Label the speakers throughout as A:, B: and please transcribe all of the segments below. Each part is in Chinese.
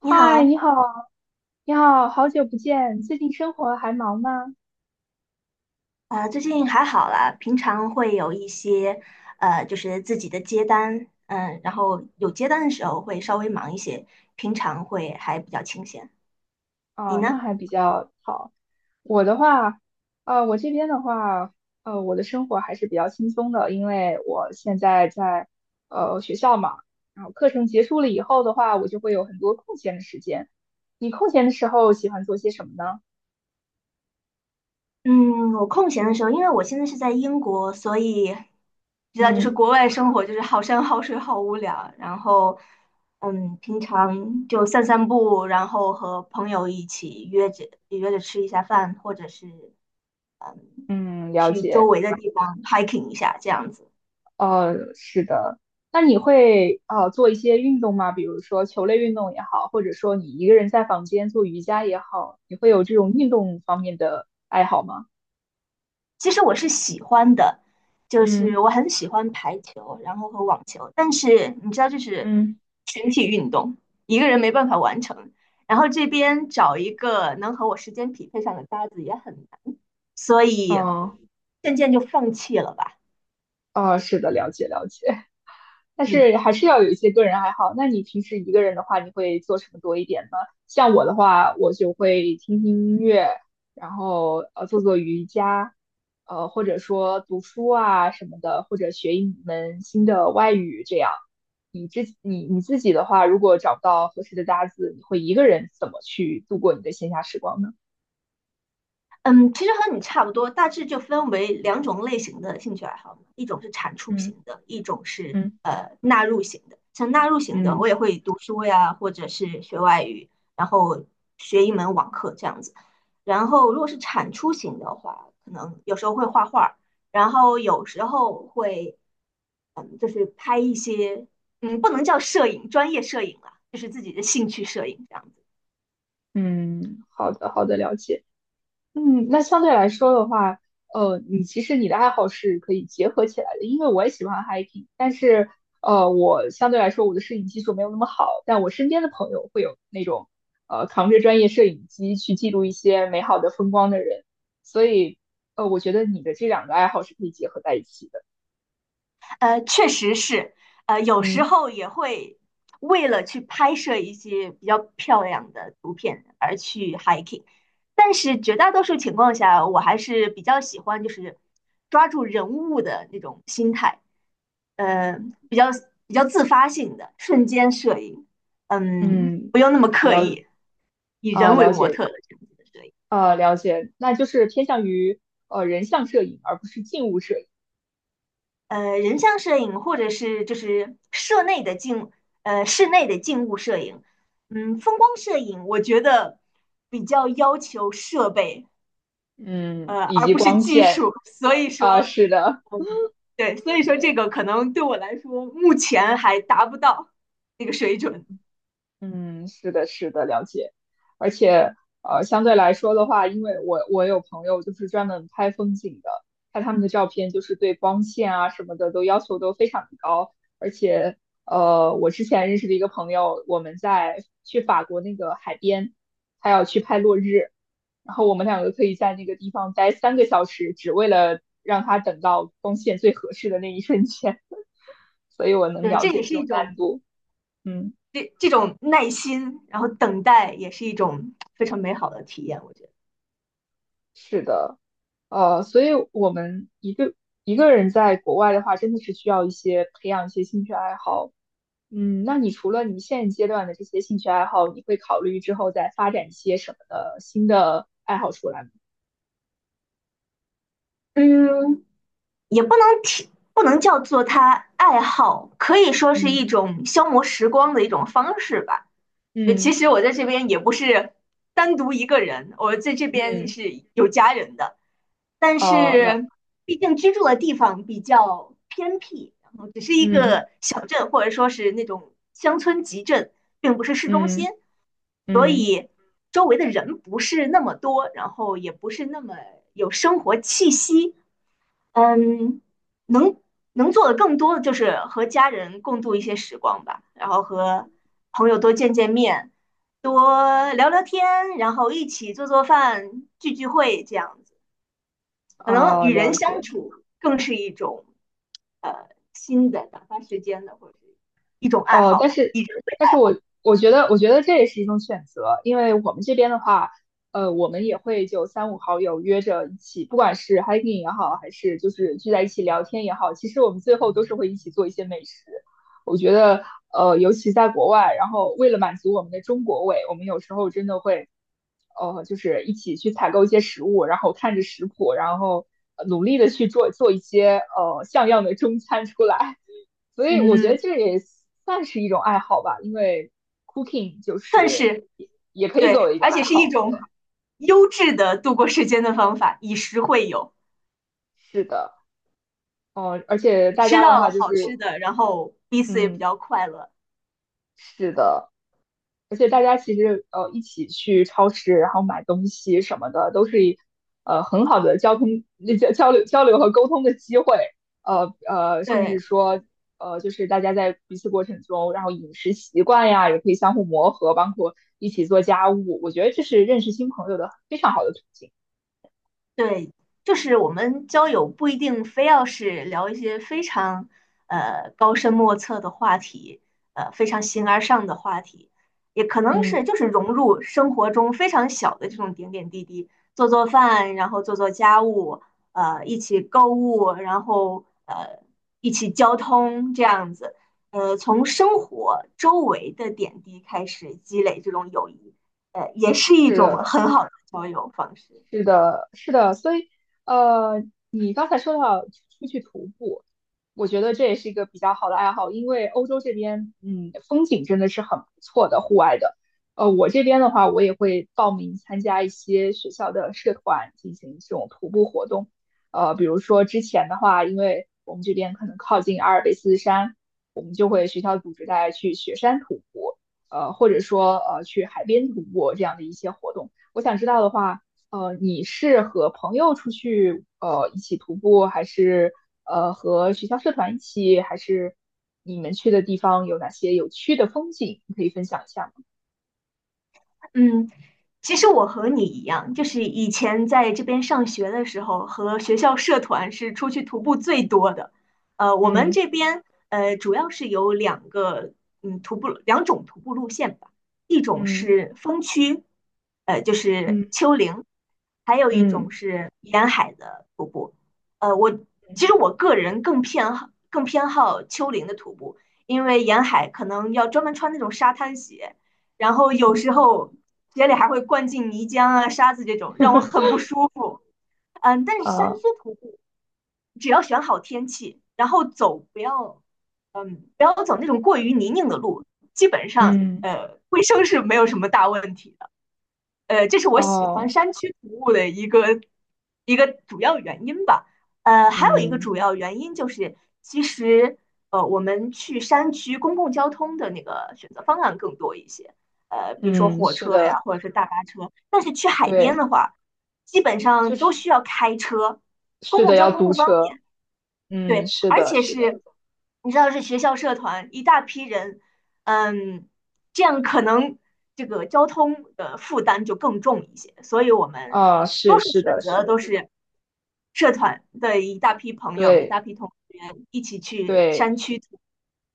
A: 你好。
B: 你好，你好，好久不见，最近生活还忙吗？
A: 最近还好啦，平常会有一些，就是自己的接单，然后有接单的时候会稍微忙一些，平常会还比较清闲。你
B: 啊，那
A: 呢？
B: 还比较好。我的话，我这边的话，我的生活还是比较轻松的，因为我现在在学校嘛，然后课程结束了以后的话，我就会有很多空闲的时间。你空闲的时候喜欢做些什么呢？
A: 嗯，我空闲的时候，因为我现在是在英国，所以知道就是
B: 嗯
A: 国外生活就是好山好水好无聊，然后，平常就散散步，然后和朋友一起约着吃一下饭，或者是
B: 嗯，了
A: 去周
B: 解。
A: 围的地方 hiking 一下这样子。
B: 是的。那你会做一些运动吗？比如说球类运动也好，或者说你一个人在房间做瑜伽也好，你会有这种运动方面的爱好吗？
A: 其实我是喜欢的，就是
B: 嗯
A: 我很喜欢排球，然后和网球，但是你知道就是
B: 嗯，
A: 群体运动，一个人没办法完成。然后这边找一个能和我时间匹配上的搭子也很难，所以
B: 哦
A: 渐渐就放弃了吧。
B: 哦，是的，了解了解。但
A: 嗯。
B: 是还是要有一些个人爱好。那你平时一个人的话，你会做什么多一点呢？像我的话，我就会听听音乐，然后做做瑜伽，或者说读书啊什么的，或者学一门新的外语这样。你自己的话，如果找不到合适的搭子，你会一个人怎么去度过你的闲暇时光呢？
A: 嗯，其实和你差不多，大致就分为两种类型的兴趣爱好嘛，一种是产出型
B: 嗯
A: 的，一种是
B: 嗯
A: 纳入型的。像纳入型的，我
B: 嗯
A: 也会读书呀，或者是学外语，然后学一门网课这样子。然后如果是产出型的话，可能有时候会画画，然后有时候会嗯，就是拍一些不能叫摄影，专业摄影啦，就是自己的兴趣摄影这样子。
B: 嗯，好的，好的，了解。嗯，那相对来说的话，其实你的爱好是可以结合起来的，因为我也喜欢 hiking，但是我相对来说我的摄影技术没有那么好，但我身边的朋友会有那种扛着专业摄影机去记录一些美好的风光的人，所以我觉得你的这两个爱好是可以结合在一起的。
A: 确实是，有时
B: 嗯
A: 候也会为了去拍摄一些比较漂亮的图片而去 hiking，但是绝大多数情况下，我还是比较喜欢就是抓住人物的那种心态，呃，比较比较自发性的瞬间摄影，
B: 嗯，
A: 不用那么刻
B: 了
A: 意，以
B: 啊、
A: 人为
B: 了
A: 模
B: 解
A: 特的这样子的摄影。
B: 啊、了解，那就是偏向于人像摄影，而不是静物摄影。
A: 人像摄影或者是就是室内的静物摄影，风光摄影，我觉得比较要求设备，
B: 嗯，以
A: 而
B: 及
A: 不是
B: 光
A: 技
B: 线
A: 术，所以
B: 啊，
A: 说，
B: 是的。
A: 嗯，对，所以说这
B: 对，
A: 个可能对我来说，目前还达不到那个水准。
B: 嗯，是的，是的，了解。而且，相对来说的话，因为我有朋友就是专门拍风景的，看他们的照片，就是对光线啊什么的都要求都非常的高。而且，我之前认识的一个朋友，我们在去法国那个海边，他要去拍落日，然后我们两个可以在那个地方待3个小时，只为了让他等到光线最合适的那一瞬间。所以我能
A: 对，
B: 了
A: 这
B: 解
A: 也是
B: 这
A: 一
B: 种
A: 种
B: 难度，嗯。
A: 这种耐心，然后等待也是一种非常美好的体验，我觉得。
B: 所以我们一个人在国外的话，真的是需要培养一些兴趣爱好。嗯，那你除了你现阶段的这些兴趣爱好，你会考虑之后再发展一些什么的新的爱好出来吗？
A: 嗯，也不能提，不能叫做他爱好，可以说是一
B: 嗯
A: 种消磨时光的一种方式吧。就其
B: 嗯
A: 实我在这边也不是单独一个人，我在这边
B: 嗯，
A: 是有家人的，但
B: 哦，
A: 是毕竟居住的地方比较偏僻，然后只是一
B: 嗯
A: 个小镇或者说是那种乡村集镇，并不是市中心，
B: 嗯嗯，
A: 周围的人不是那么多，然后也不是那么有生活气息。嗯，能能做的更多的就是和家人共度一些时光吧，然后和朋友多见见面，多聊聊天，然后一起做做饭、聚聚会这样子。可能
B: 哦，
A: 与人
B: 了
A: 相
B: 解。
A: 处更是一种呃新的打发时间的，或者是一种爱
B: 哦，
A: 好
B: 但
A: 吧，
B: 是，
A: 一直会
B: 我觉得这也是一种选择，因为我们这边的话，我们也会就三五好友约着一起，不管是 hiking 也好，还是就是聚在一起聊天也好，其实我们最后都是会一起做一些美食。我觉得，尤其在国外，然后为了满足我们的中国胃，我们有时候真的会，就是一起去采购一些食物，然后看着食谱，然后努力的去做做一些像样的中餐出来。所以我觉得
A: 嗯，
B: 这也算是一种爱好吧，因为 cooking 就
A: 算
B: 是
A: 是
B: 也可以作
A: 对，
B: 为一种
A: 而且
B: 爱
A: 是一
B: 好。对，
A: 种优质的度过时间的方法，以食会友，
B: 是的，嗯，而且大
A: 吃
B: 家的
A: 到了
B: 话就
A: 好吃
B: 是，
A: 的，然后彼此也比
B: 嗯，
A: 较快乐。
B: 是的，而且大家其实一起去超市，然后买东西什么的，都是很好的交通交交流交流和沟通的机会。甚
A: 对。
B: 至说就是大家在彼此过程中，然后饮食习惯呀也可以相互磨合，包括一起做家务。我觉得这是认识新朋友的非常好的途径。
A: 对，就是我们交友不一定非要是聊一些非常高深莫测的话题，非常形
B: 嗯
A: 而上的话题，也可能是
B: 嗯，
A: 就是融入生活中非常小的这种点点滴滴，做做饭，然后做做家务，一起购物，然后一起交通这样子，从生活周围的点滴开始积累这种友谊，也是一
B: 是
A: 种
B: 的，
A: 很好的交友方式。
B: 是的，是的，所以呃，你刚才说到出去徒步，我觉得这也是一个比较好的爱好，因为欧洲这边，嗯，风景真的是很不错的，户外的。我这边的话，我也会报名参加一些学校的社团进行这种徒步活动。比如说之前的话，因为我们这边可能靠近阿尔卑斯山，我们就会学校组织大家去雪山徒步，或者说去海边徒步这样的一些活动。我想知道的话。你是和朋友出去一起徒步，还是和学校社团一起，还是你们去的地方有哪些有趣的风景？你可以分享一下吗？
A: 嗯，其实我和你一样，就是以前在这边上学的时候，和学校社团是出去徒步最多的。我们
B: 嗯
A: 这边主要是有两种徒步路线吧，一种
B: 嗯
A: 是峰区，就是
B: 嗯
A: 丘陵，还有一种
B: 嗯
A: 是沿海的徒步。呃，我其
B: 嗯
A: 实我个人更偏好丘陵的徒步，因为沿海可能要专门穿那种沙滩鞋。然后有时候鞋里还会灌进泥浆啊、沙子这种，让我
B: 嗯，
A: 很不舒服。但是山
B: 啊
A: 区徒步，只要选好天气，然后走不要，嗯，不要走那种过于泥泞的路，基本上
B: 嗯
A: 卫生是没有什么大问题。这是我喜欢
B: 哦，
A: 山区服务的一个主要原因吧。还有一个主
B: 嗯
A: 要原因就是，其实我们去山区公共交通的那个选择方案更多一些，比如说
B: 嗯，
A: 火
B: 是
A: 车呀，
B: 的，
A: 或者是大巴车。但是去海边
B: 对，
A: 的话，基本
B: 就
A: 上都
B: 是
A: 需要开车，公
B: 是
A: 共
B: 的，
A: 交
B: 要
A: 通
B: 租
A: 不方便。
B: 车。嗯，
A: 对，
B: 是
A: 而
B: 的，
A: 且
B: 是的，
A: 是，你知道是学校社团一大批人，嗯，这样可能这个交通的负担就更重一些，所以我们
B: 啊，是
A: 多数
B: 是
A: 选
B: 的，是
A: 择
B: 的，
A: 都是社团的一大批朋友、一
B: 对
A: 大批同学一起去
B: 对。
A: 山区徒步。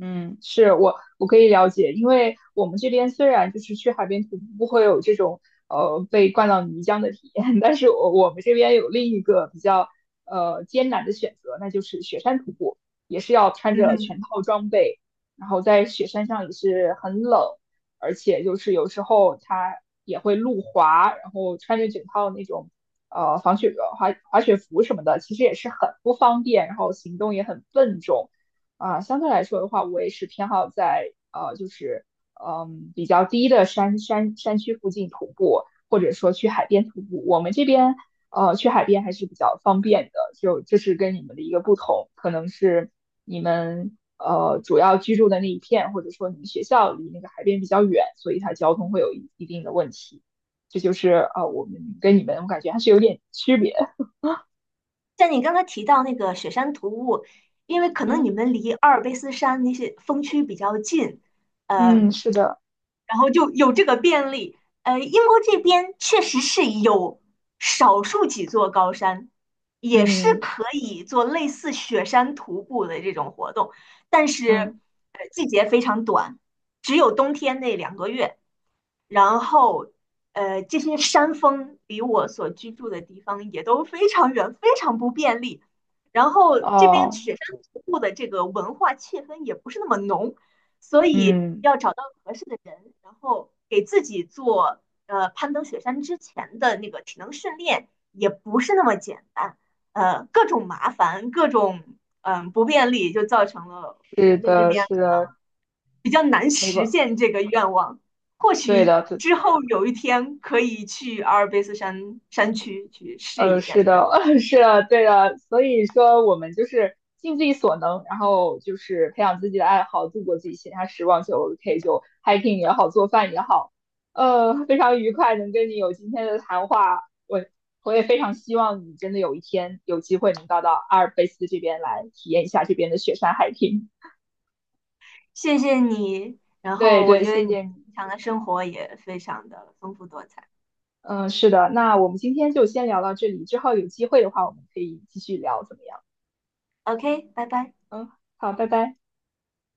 B: 嗯，是我可以了解，因为我们这边虽然就是去海边徒步会有这种被灌到泥浆的体验，但是我们这边有另一个比较艰难的选择，那就是雪山徒步，也是要穿
A: 嗯
B: 着
A: 哼。
B: 全套装备，然后在雪山上也是很冷，而且就是有时候它也会路滑，然后穿着整套那种防雪滑雪服什么的，其实也是很不方便，然后行动也很笨重。啊、相对来说的话，我也是偏好在就是比较低的山区附近徒步，或者说去海边徒步。我们这边去海边还是比较方便的，就这是跟你们的一个不同，可能是你们主要居住的那一片，或者说你们学校离那个海边比较远，所以它交通会有一定的问题。这就是我们跟你们我感觉还是有点区别。
A: 像你刚才提到那个雪山徒步，因为可能你
B: 嗯
A: 们离阿尔卑斯山那些峰区比较近，
B: 嗯，
A: 嗯、
B: 是的，
A: 然后就有这个便利。英国这边确实是有少数几座高山，也是
B: 嗯
A: 可以做类似雪山徒步的这种活动，但是
B: 嗯，
A: 季节非常短，只有冬天那两个月。然后，这些山峰离我所居住的地方也都非常远，非常不便利。然后这边
B: 哦
A: 雪山徒步的这个文化气氛也不是那么浓，所以
B: 嗯。
A: 合适的人，然后给自己做攀登雪山之前的那个体能训练也不是那么简单，各种麻烦，各种嗯、不便利，就造成了我现
B: 是
A: 在在这
B: 的，
A: 边
B: 是的，
A: 比较难
B: 没
A: 实
B: 错，
A: 现这个愿望。或
B: 对
A: 许
B: 的，对，
A: 之后有一天可以去阿尔卑斯山山区去试一下
B: 是
A: 雪山。
B: 的，是的，对的。所以说，我们就是尽自己所能，然后就是培养自己的爱好，度过自己闲暇时光就 OK，就 hiking 也好，做饭也好，非常愉快能跟你有今天的谈话。我我也非常希望你真的有一天有机会能到阿尔卑斯这边来体验一下这边的雪山 hiking。
A: 谢谢你，然
B: 对
A: 后我
B: 对，
A: 觉得
B: 谢
A: 你
B: 谢你。
A: 平常的生活也非常的丰富多彩。
B: 嗯，是的，那我们今天就先聊到这里，之后有机会的话，我们可以继续聊，怎么样？
A: OK，拜拜。
B: 嗯，好，拜拜。